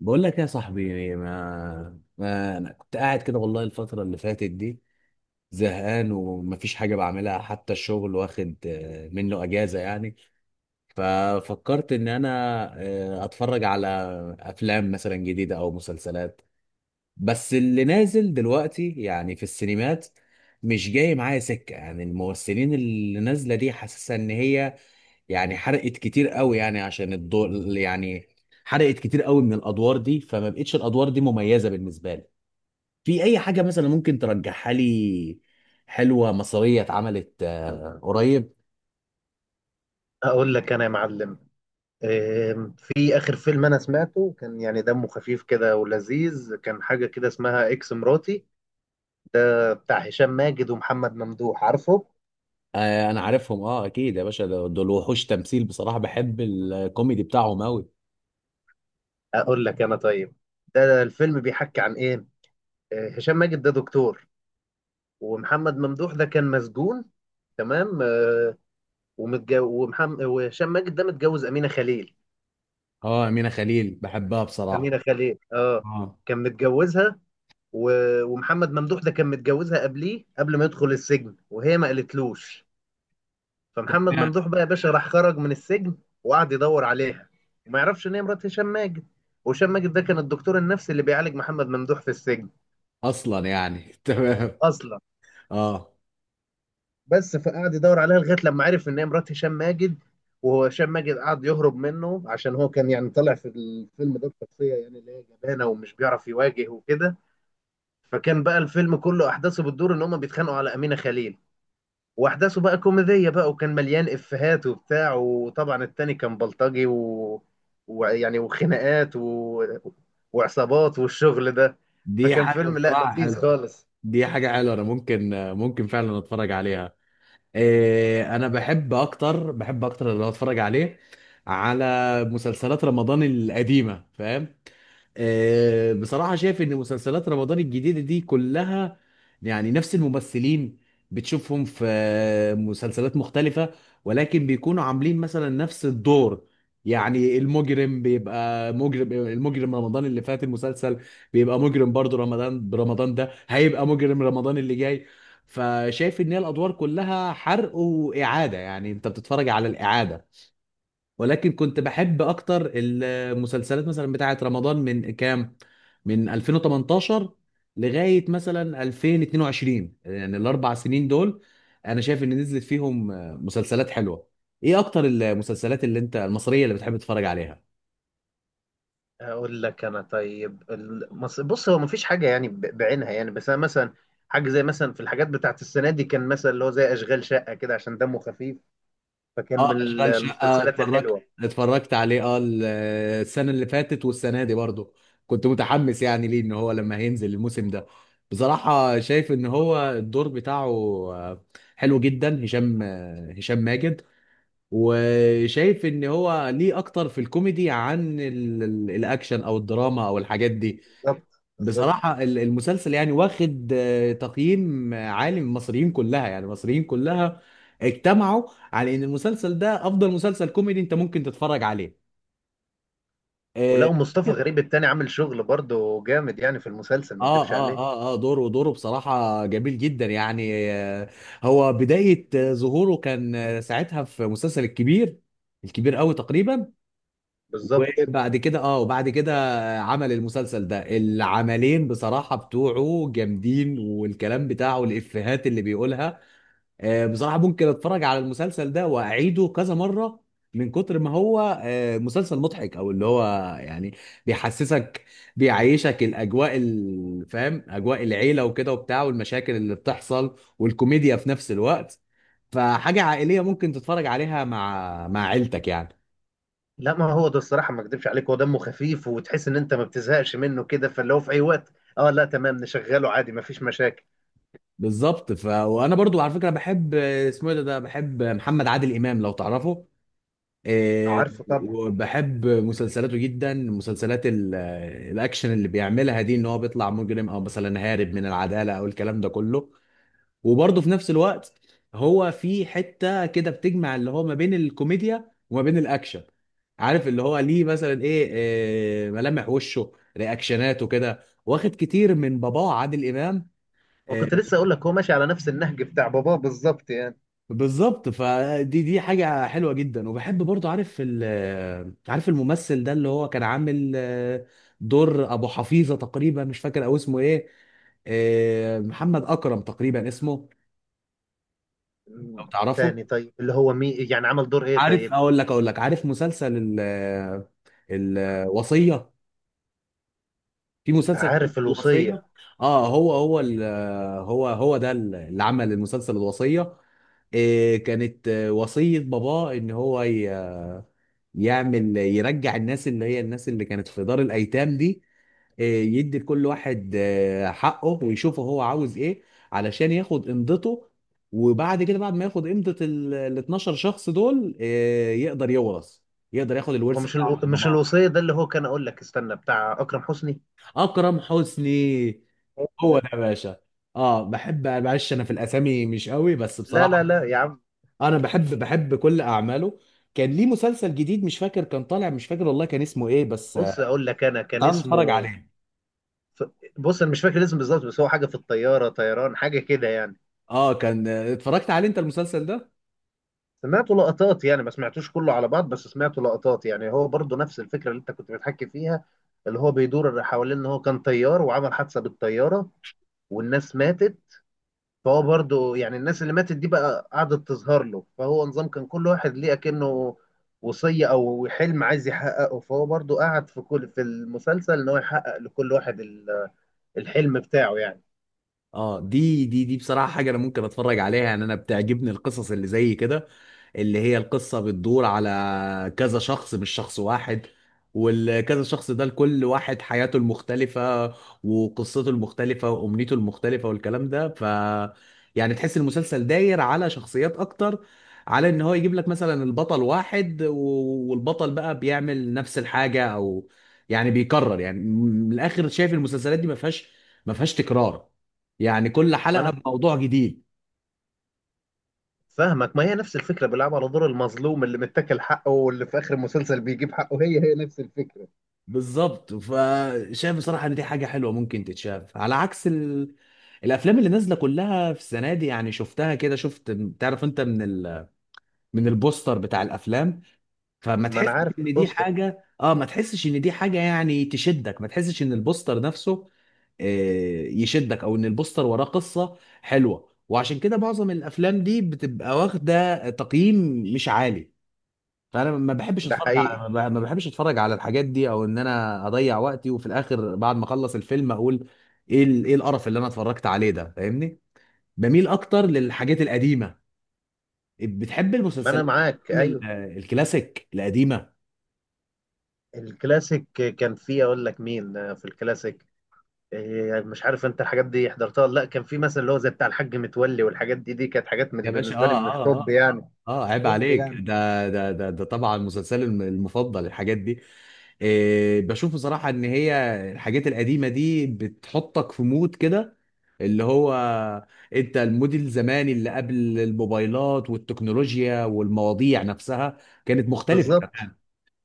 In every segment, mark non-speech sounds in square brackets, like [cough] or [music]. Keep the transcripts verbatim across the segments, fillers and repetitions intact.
بقول لك يا صاحبي ما, ما انا كنت قاعد كده والله الفترة اللي فاتت دي زهقان ومفيش حاجة بعملها، حتى الشغل واخد آه، منه اجازة يعني. ففكرت ان انا آه، اتفرج على افلام مثلا جديدة او مسلسلات. بس اللي نازل دلوقتي يعني في السينمات مش جاي معايا سكة، يعني الممثلين اللي نازلة دي حاسسها ان هي يعني حرقت كتير قوي يعني عشان الدور، يعني حرقت كتير قوي من الادوار دي فما بقتش الادوار دي مميزه بالنسبه لي. في اي حاجه مثلا ممكن ترجحها لي؟ حلوه مصريه اتعملت آه، قريب؟ هقول لك انا يا معلم. آم، في اخر فيلم انا سمعته كان يعني دمه خفيف كده ولذيذ، كان حاجه كده اسمها اكس مراتي. ده بتاع هشام ماجد ومحمد ممدوح، عارفه؟ آه، انا عارفهم اه اكيد يا باشا، دول دول وحوش تمثيل بصراحه، بحب الكوميدي بتاعهم قوي. اقول لك انا طيب، ده الفيلم بيحكي عن ايه؟ آه، هشام ماجد ده دكتور، ومحمد ممدوح ده كان مسجون، تمام؟ آه، ومتجو ومحمد وهشام ماجد ده متجوز امينه خليل. اه امينه خليل بحبها بصراحه. امينه خليل، اه. اه. كان متجوزها. و- ومحمد ممدوح ده كان متجوزها قبليه، قبل ما يدخل السجن وهي ما قالتلوش. فمحمد ممدوح بقى يا باشا راح خرج من السجن، وقعد يدور عليها، وما يعرفش ان هي مرات هشام ماجد. وهشام ماجد ده كان الدكتور النفسي اللي بيعالج محمد ممدوح في السجن. اصلا يعني [laughs] تمام. اصلا. اه بس، فقعد يدور عليها لغايه لما عرف ان هي مرات هشام ماجد. وهو هشام ماجد قعد يهرب منه، عشان هو كان يعني طالع في الفيلم ده بشخصيه يعني اللي هي جبانه ومش بيعرف يواجه وكده. فكان بقى الفيلم كله احداثه بتدور ان هم بيتخانقوا على امينه خليل. واحداثه بقى كوميديه بقى، وكان مليان افيهات وبتاع، وطبعا التاني كان بلطجي و... ويعني وخناقات و... وعصابات والشغل ده. دي فكان حاجه فيلم لا، بصراحه لذيذ حلوه. خالص. دي حاجه حلوه انا ممكن، ممكن فعلا اتفرج عليها. إيه، انا بحب اكتر، بحب اكتر اللي اتفرج عليه على مسلسلات رمضان القديمه، فاهم؟ آه، بصراحة شايف إن مسلسلات رمضان الجديدة دي كلها يعني نفس الممثلين، بتشوفهم في آه، مسلسلات مختلفة، ولكن بيكونوا عاملين مثلا نفس الدور. يعني المجرم بيبقى مجرم، المجرم رمضان اللي فات المسلسل بيبقى مجرم، برضه رمضان، برمضان ده هيبقى مجرم، رمضان اللي جاي. فشايف إن هي الأدوار كلها حرق وإعادة، يعني أنت بتتفرج على الإعادة. ولكن كنت بحب اكتر المسلسلات مثلا بتاعه رمضان من كام، من ألفين وتمنتاشر لغايه مثلا ألفين واتنين وعشرين، يعني الاربع سنين دول انا شايف ان نزلت فيهم مسلسلات حلوه. ايه اكتر المسلسلات اللي انت المصريه اللي بتحب تتفرج عليها؟ اقول لك انا طيب، المص... بص، هو مفيش حاجه يعني ب- بعينها يعني، بس انا مثلا حاجه زي مثلا في الحاجات بتاعت السنه دي كان مثلا اللي هو زي اشغال شقه كده، عشان دمه خفيف، فكان اه من ال- اشغال شقه المسلسلات اتفرجت، الحلوه. اتفرجت عليه اه. ال- السنه اللي فاتت والسنه دي برضه كنت متحمس يعني ليه، ان هو لما هينزل الموسم ده. بصراحه شايف ان هو الدور بتاعه آه، حلو جدا، هشام آه، هشام ماجد. وشايف ان هو ليه اكتر في الكوميدي عن ال- ال- الاكشن او الدراما او الحاجات دي. بالظبط بالظبط. بصراحة ال- المسلسل يعني واخد آه، تقييم عالي من المصريين كلها، يعني المصريين كلها اجتمعوا على ان المسلسل ده افضل مسلسل كوميدي انت ممكن تتفرج عليه. آه. ولقوا مصطفى غريب التاني عامل شغل برضه جامد يعني في المسلسل، ما اه اكدبش اه عليه. اه اه، دوره دوره بصراحة جميل جدا يعني. آه، هو بداية آه، ظهوره كان آه، ساعتها في مسلسل الكبير، الكبير قوي تقريبا. بالظبط. وبعد كده اه، وبعد كده آه، عمل المسلسل ده. العملين بصراحة بتوعه جامدين والكلام بتاعه الإفيهات اللي بيقولها، آه، بصراحة ممكن اتفرج على المسلسل ده واعيده كذا مرة من كتر ما هو آه، مسلسل مضحك، او اللي هو يعني بيحسسك، بيعيشك الاجواء ال- فاهم، اجواء العيلة وكده وبتاع، والمشاكل اللي بتحصل والكوميديا في نفس الوقت. فحاجة عائلية ممكن تتفرج عليها مع مع عيلتك يعني. لا، ما هو ده الصراحه ما اكذبش عليك، هو دمه خفيف وتحس ان انت ما بتزهقش منه كده، فاللي هو في اي وقت، اه لا تمام، نشغله عادي ما فيش مشاكل. بالظبط. ف... وانا برضو على فكرة بحب آه، اسمه إيه ده، ده بحب محمد عادل امام، لو تعرفه. إيه. عارفه طبعا. وبحب مسلسلاته جدا، مسلسلات ال- الاكشن اللي بيعملها دي، ان هو بيطلع مجرم او مثلا هارب من العداله او الكلام ده كله. وبرضه في نفس الوقت هو في حته كده بتجمع اللي هو ما بين الكوميديا وما بين الاكشن. عارف اللي هو ليه مثلا ايه، إيه، ملامح وشه، رياكشناته كده واخد كتير من باباه عادل امام. آه، وكنت لسه اقول لك هو ماشي على نفس النهج بتاع باباه بالظبط يعني. بالظبط. فدي دي حاجة حلوة جدا. وبحب برضو، عارف ال- عارف الممثل ده اللي هو كان عامل آه، دور أبو حفيظة تقريبا مش فاكر أو اسمه إيه، آه، محمد أكرم تقريبا اسمه، لو مم. تعرفه. تاني طيب، اللي هو مي يعني عمل دور ايه عارف، طيب؟ أقول لك أقول لك عارف مسلسل ال- آه، الوصية، في مسلسل كان اسمه عارف الوصية. الوصيه. اه هو هو ال- آه، هو هو ده اللي عمل المسلسل الوصية. آه، كانت آه، وصية باباه إن هو ي- يعمل، يرجع الناس اللي هي الناس اللي كانت في دار الايتام دي، آه، يدي لكل واحد آه، حقه ويشوفه هو عاوز ايه، علشان ياخد قيمته. وبعد كده بعد ما ياخد قيمة ال ال اثنا عشر شخص دول آه، يقدر يورث، يقدر ياخد هو الورث مش الو... بتاعه من مش باباه. الوصيه ده اللي هو كان، اقول لك استنى، بتاع اكرم حسني؟ اكرم حسني، هو هو ده. ده يا باشا. اه بحب، معلش انا في الاسامي مش قوي بس لا لا بصراحة لا يا عم، انا بحب، بحب كل اعماله. كان ليه مسلسل جديد مش فاكر كان طالع، مش فاكر والله كان اسمه ايه بس بص آه، اقول لك انا كنت كان عايز اتفرج اسمه عليه. ف- بص انا مش فاكر الاسم بالظبط، بس هو حاجه في الطياره، طيران حاجه كده يعني. اه كان اتفرجت عليه انت المسلسل ده؟ سمعته لقطات يعني، ما سمعتوش كله على بعض، بس سمعته لقطات يعني. هو برضه نفس الفكرة اللي انت كنت بتحكي فيها، اللي هو بيدور حوالين ان هو كان طيار وعمل حادثة بالطيارة والناس ماتت، فهو برضه يعني الناس اللي ماتت دي بقى قعدت تظهر له، فهو نظام كان كل واحد ليه اكنه وصية او حلم عايز يحققه، فهو برضه قعد في كل في المسلسل ان هو يحقق لكل واحد ال- الحلم بتاعه يعني. اه دي دي دي بصراحة حاجة انا ممكن اتفرج عليها، يعني انا بتعجبني القصص اللي زي كده، اللي هي القصة بتدور على كذا شخص مش شخص واحد، والكذا شخص ده لكل واحد حياته المختلفة وقصته المختلفة وأمنيته المختلفة والكلام ده. ف يعني تحس المسلسل داير على شخصيات أكتر، على إن هو يجيب لك مثلا البطل واحد و- والبطل بقى بيعمل نفس الحاجة أو يعني بيكرر، يعني من الآخر شايف المسلسلات دي ما فيهاش، ما فيهاش تكرار، يعني كل ما حلقة انا بموضوع جديد. فاهمك، ما هي نفس الفكرة، بيلعبوا على دور المظلوم اللي متاكل حقه واللي في آخر المسلسل بيجيب حقه، هي هي نفس الفكرة. بالظبط. فشايف بصراحة ان دي حاجة حلوة ممكن تتشاف على عكس ال... الافلام اللي نازلة كلها في السنة دي. يعني شفتها كده، شفت، تعرف انت من ال... من البوستر بتاع الافلام، فما ما أنا تحسش عارف من ان دي البوستر. حاجة اه، ما تحسش ان دي حاجة يعني تشدك، ما تحسش ان البوستر نفسه آه، يشدك، او ان البوستر وراه قصة حلوة. وعشان كده معظم الافلام دي بتبقى واخدة تقييم مش عالي، فانا ما بحبش ده اتفرج على، حقيقي. ما بح- ما بحبش اتفرج على الحاجات دي، او ان انا اضيع وقتي وفي الاخر بعد ما اخلص الفيلم اقول ايه ال- ايه القرف اللي انا اتفرجت عليه ده، فاهمني. بميل اكتر للحاجات القديمه، بتحب ما أنا المسلسلات معاك والأفلام ال- أيوه. الكلاسيك القديمه. الكلاسيك. كان فيه أقول لك مين في الكلاسيك، إيه، مش عارف أنت الحاجات دي حضرتها ولا لا، كان في مثلا اللي هو زي بتاع الحاج متولي والحاجات دي، دي كانت حاجات من يا باشا بالنسبة لي اه من اه الطب آه. يعني. اه عيب طب عليك، يعني. ده ده ده, ده طبعا مسلسلي الم- المفضل الحاجات دي. إيه بشوف بصراحة ان هي الحاجات القديمة دي بتحطك في مود كده، اللي هو، انت المود الزماني اللي قبل الموبايلات والتكنولوجيا، والمواضيع نفسها كانت مختلفة. بالظبط.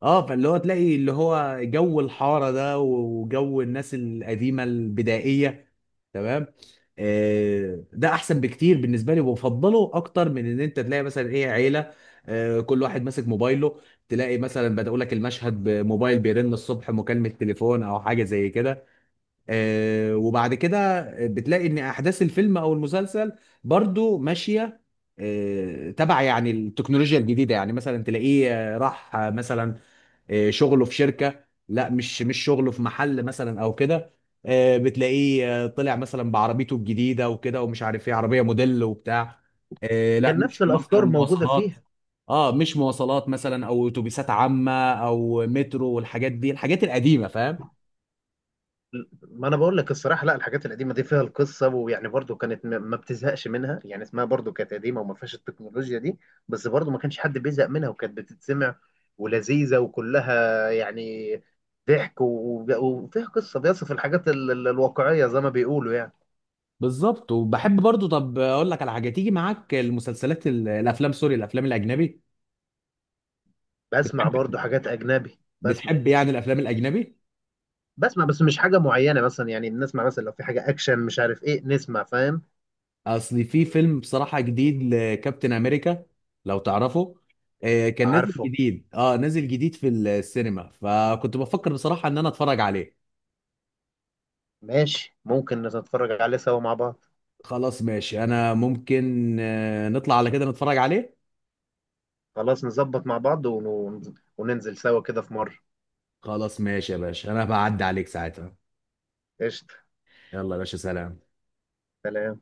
اه فاللي هو تلاقي اللي هو جو الحارة ده، وجو الناس القديمة البدائية. تمام. آه ده احسن بكتير بالنسبة لي، وبفضله اكتر من ان انت تلاقي مثلا ايه عيلة آه، كل واحد ماسك موبايله، تلاقي مثلا بدأوا لك المشهد بموبايل بيرن الصبح مكالمة تليفون او حاجة زي كده. آه وبعد كده بتلاقي ان احداث الفيلم او المسلسل برضو ماشية آه، تبع يعني التكنولوجيا الجديدة، يعني مثلا تلاقيه آه، راح آه، مثلا آه، شغله في شركه، لا مش مش شغله في محل مثلا او كده. آه، بتلاقيه آه، طلع مثلا بعربيته الجديده وكده ومش عارف ايه عربيه موديل وبتاع. آه، لا كان نفس مش مثلا الأفكار موجودة مواصلات، فيها. اه مش مواصلات مثلا او اتوبيسات عامه او مترو والحاجات دي، الحاجات القديمه، فاهم. ما انا بقول لك الصراحه، لا، الحاجات القديمه دي فيها القصه ويعني برضو كانت م- ما بتزهقش منها يعني، اسمها برضو كانت قديمه وما فيهاش التكنولوجيا دي، بس برضو ما كانش حد بيزهق منها وكانت بتتسمع ولذيذه، وكلها يعني ضحك و- وفيها قصه بيصف الحاجات ال- ال- الواقعيه زي ما بيقولوا يعني. بالظبط. وبحب برضو، طب اقول لك على حاجه تيجي معاك، المسلسلات ال- الافلام، سوري الافلام الاجنبي، بسمع بتحب، برضو حاجات اجنبي، بسمع. بتحب يعني الافلام الاجنبي؟ بسمع، بس مش حاجه معينه مثلا يعني، بنسمع مثلا لو في حاجه اكشن مش عارف ايه نسمع، فاهم؟ اصل في فيلم بصراحة جديد لكابتن امريكا، لو تعرفه. آه، كان نازل عارفه. جديد، اه نازل جديد في السينما، فكنت بفكر بصراحة ان انا اتفرج عليه. ماشي، ممكن نتفرج عليه سوا مع بعض. خلاص ماشي، انا ممكن آه، نطلع على كده نتفرج عليه. خلاص نظبط مع بعض ون- وننزل سوا كده في مرة. خلاص ماشي يا باشا، انا بعدي عليك ساعتها. قشطة. يلا يا باشا، سلام. سلام.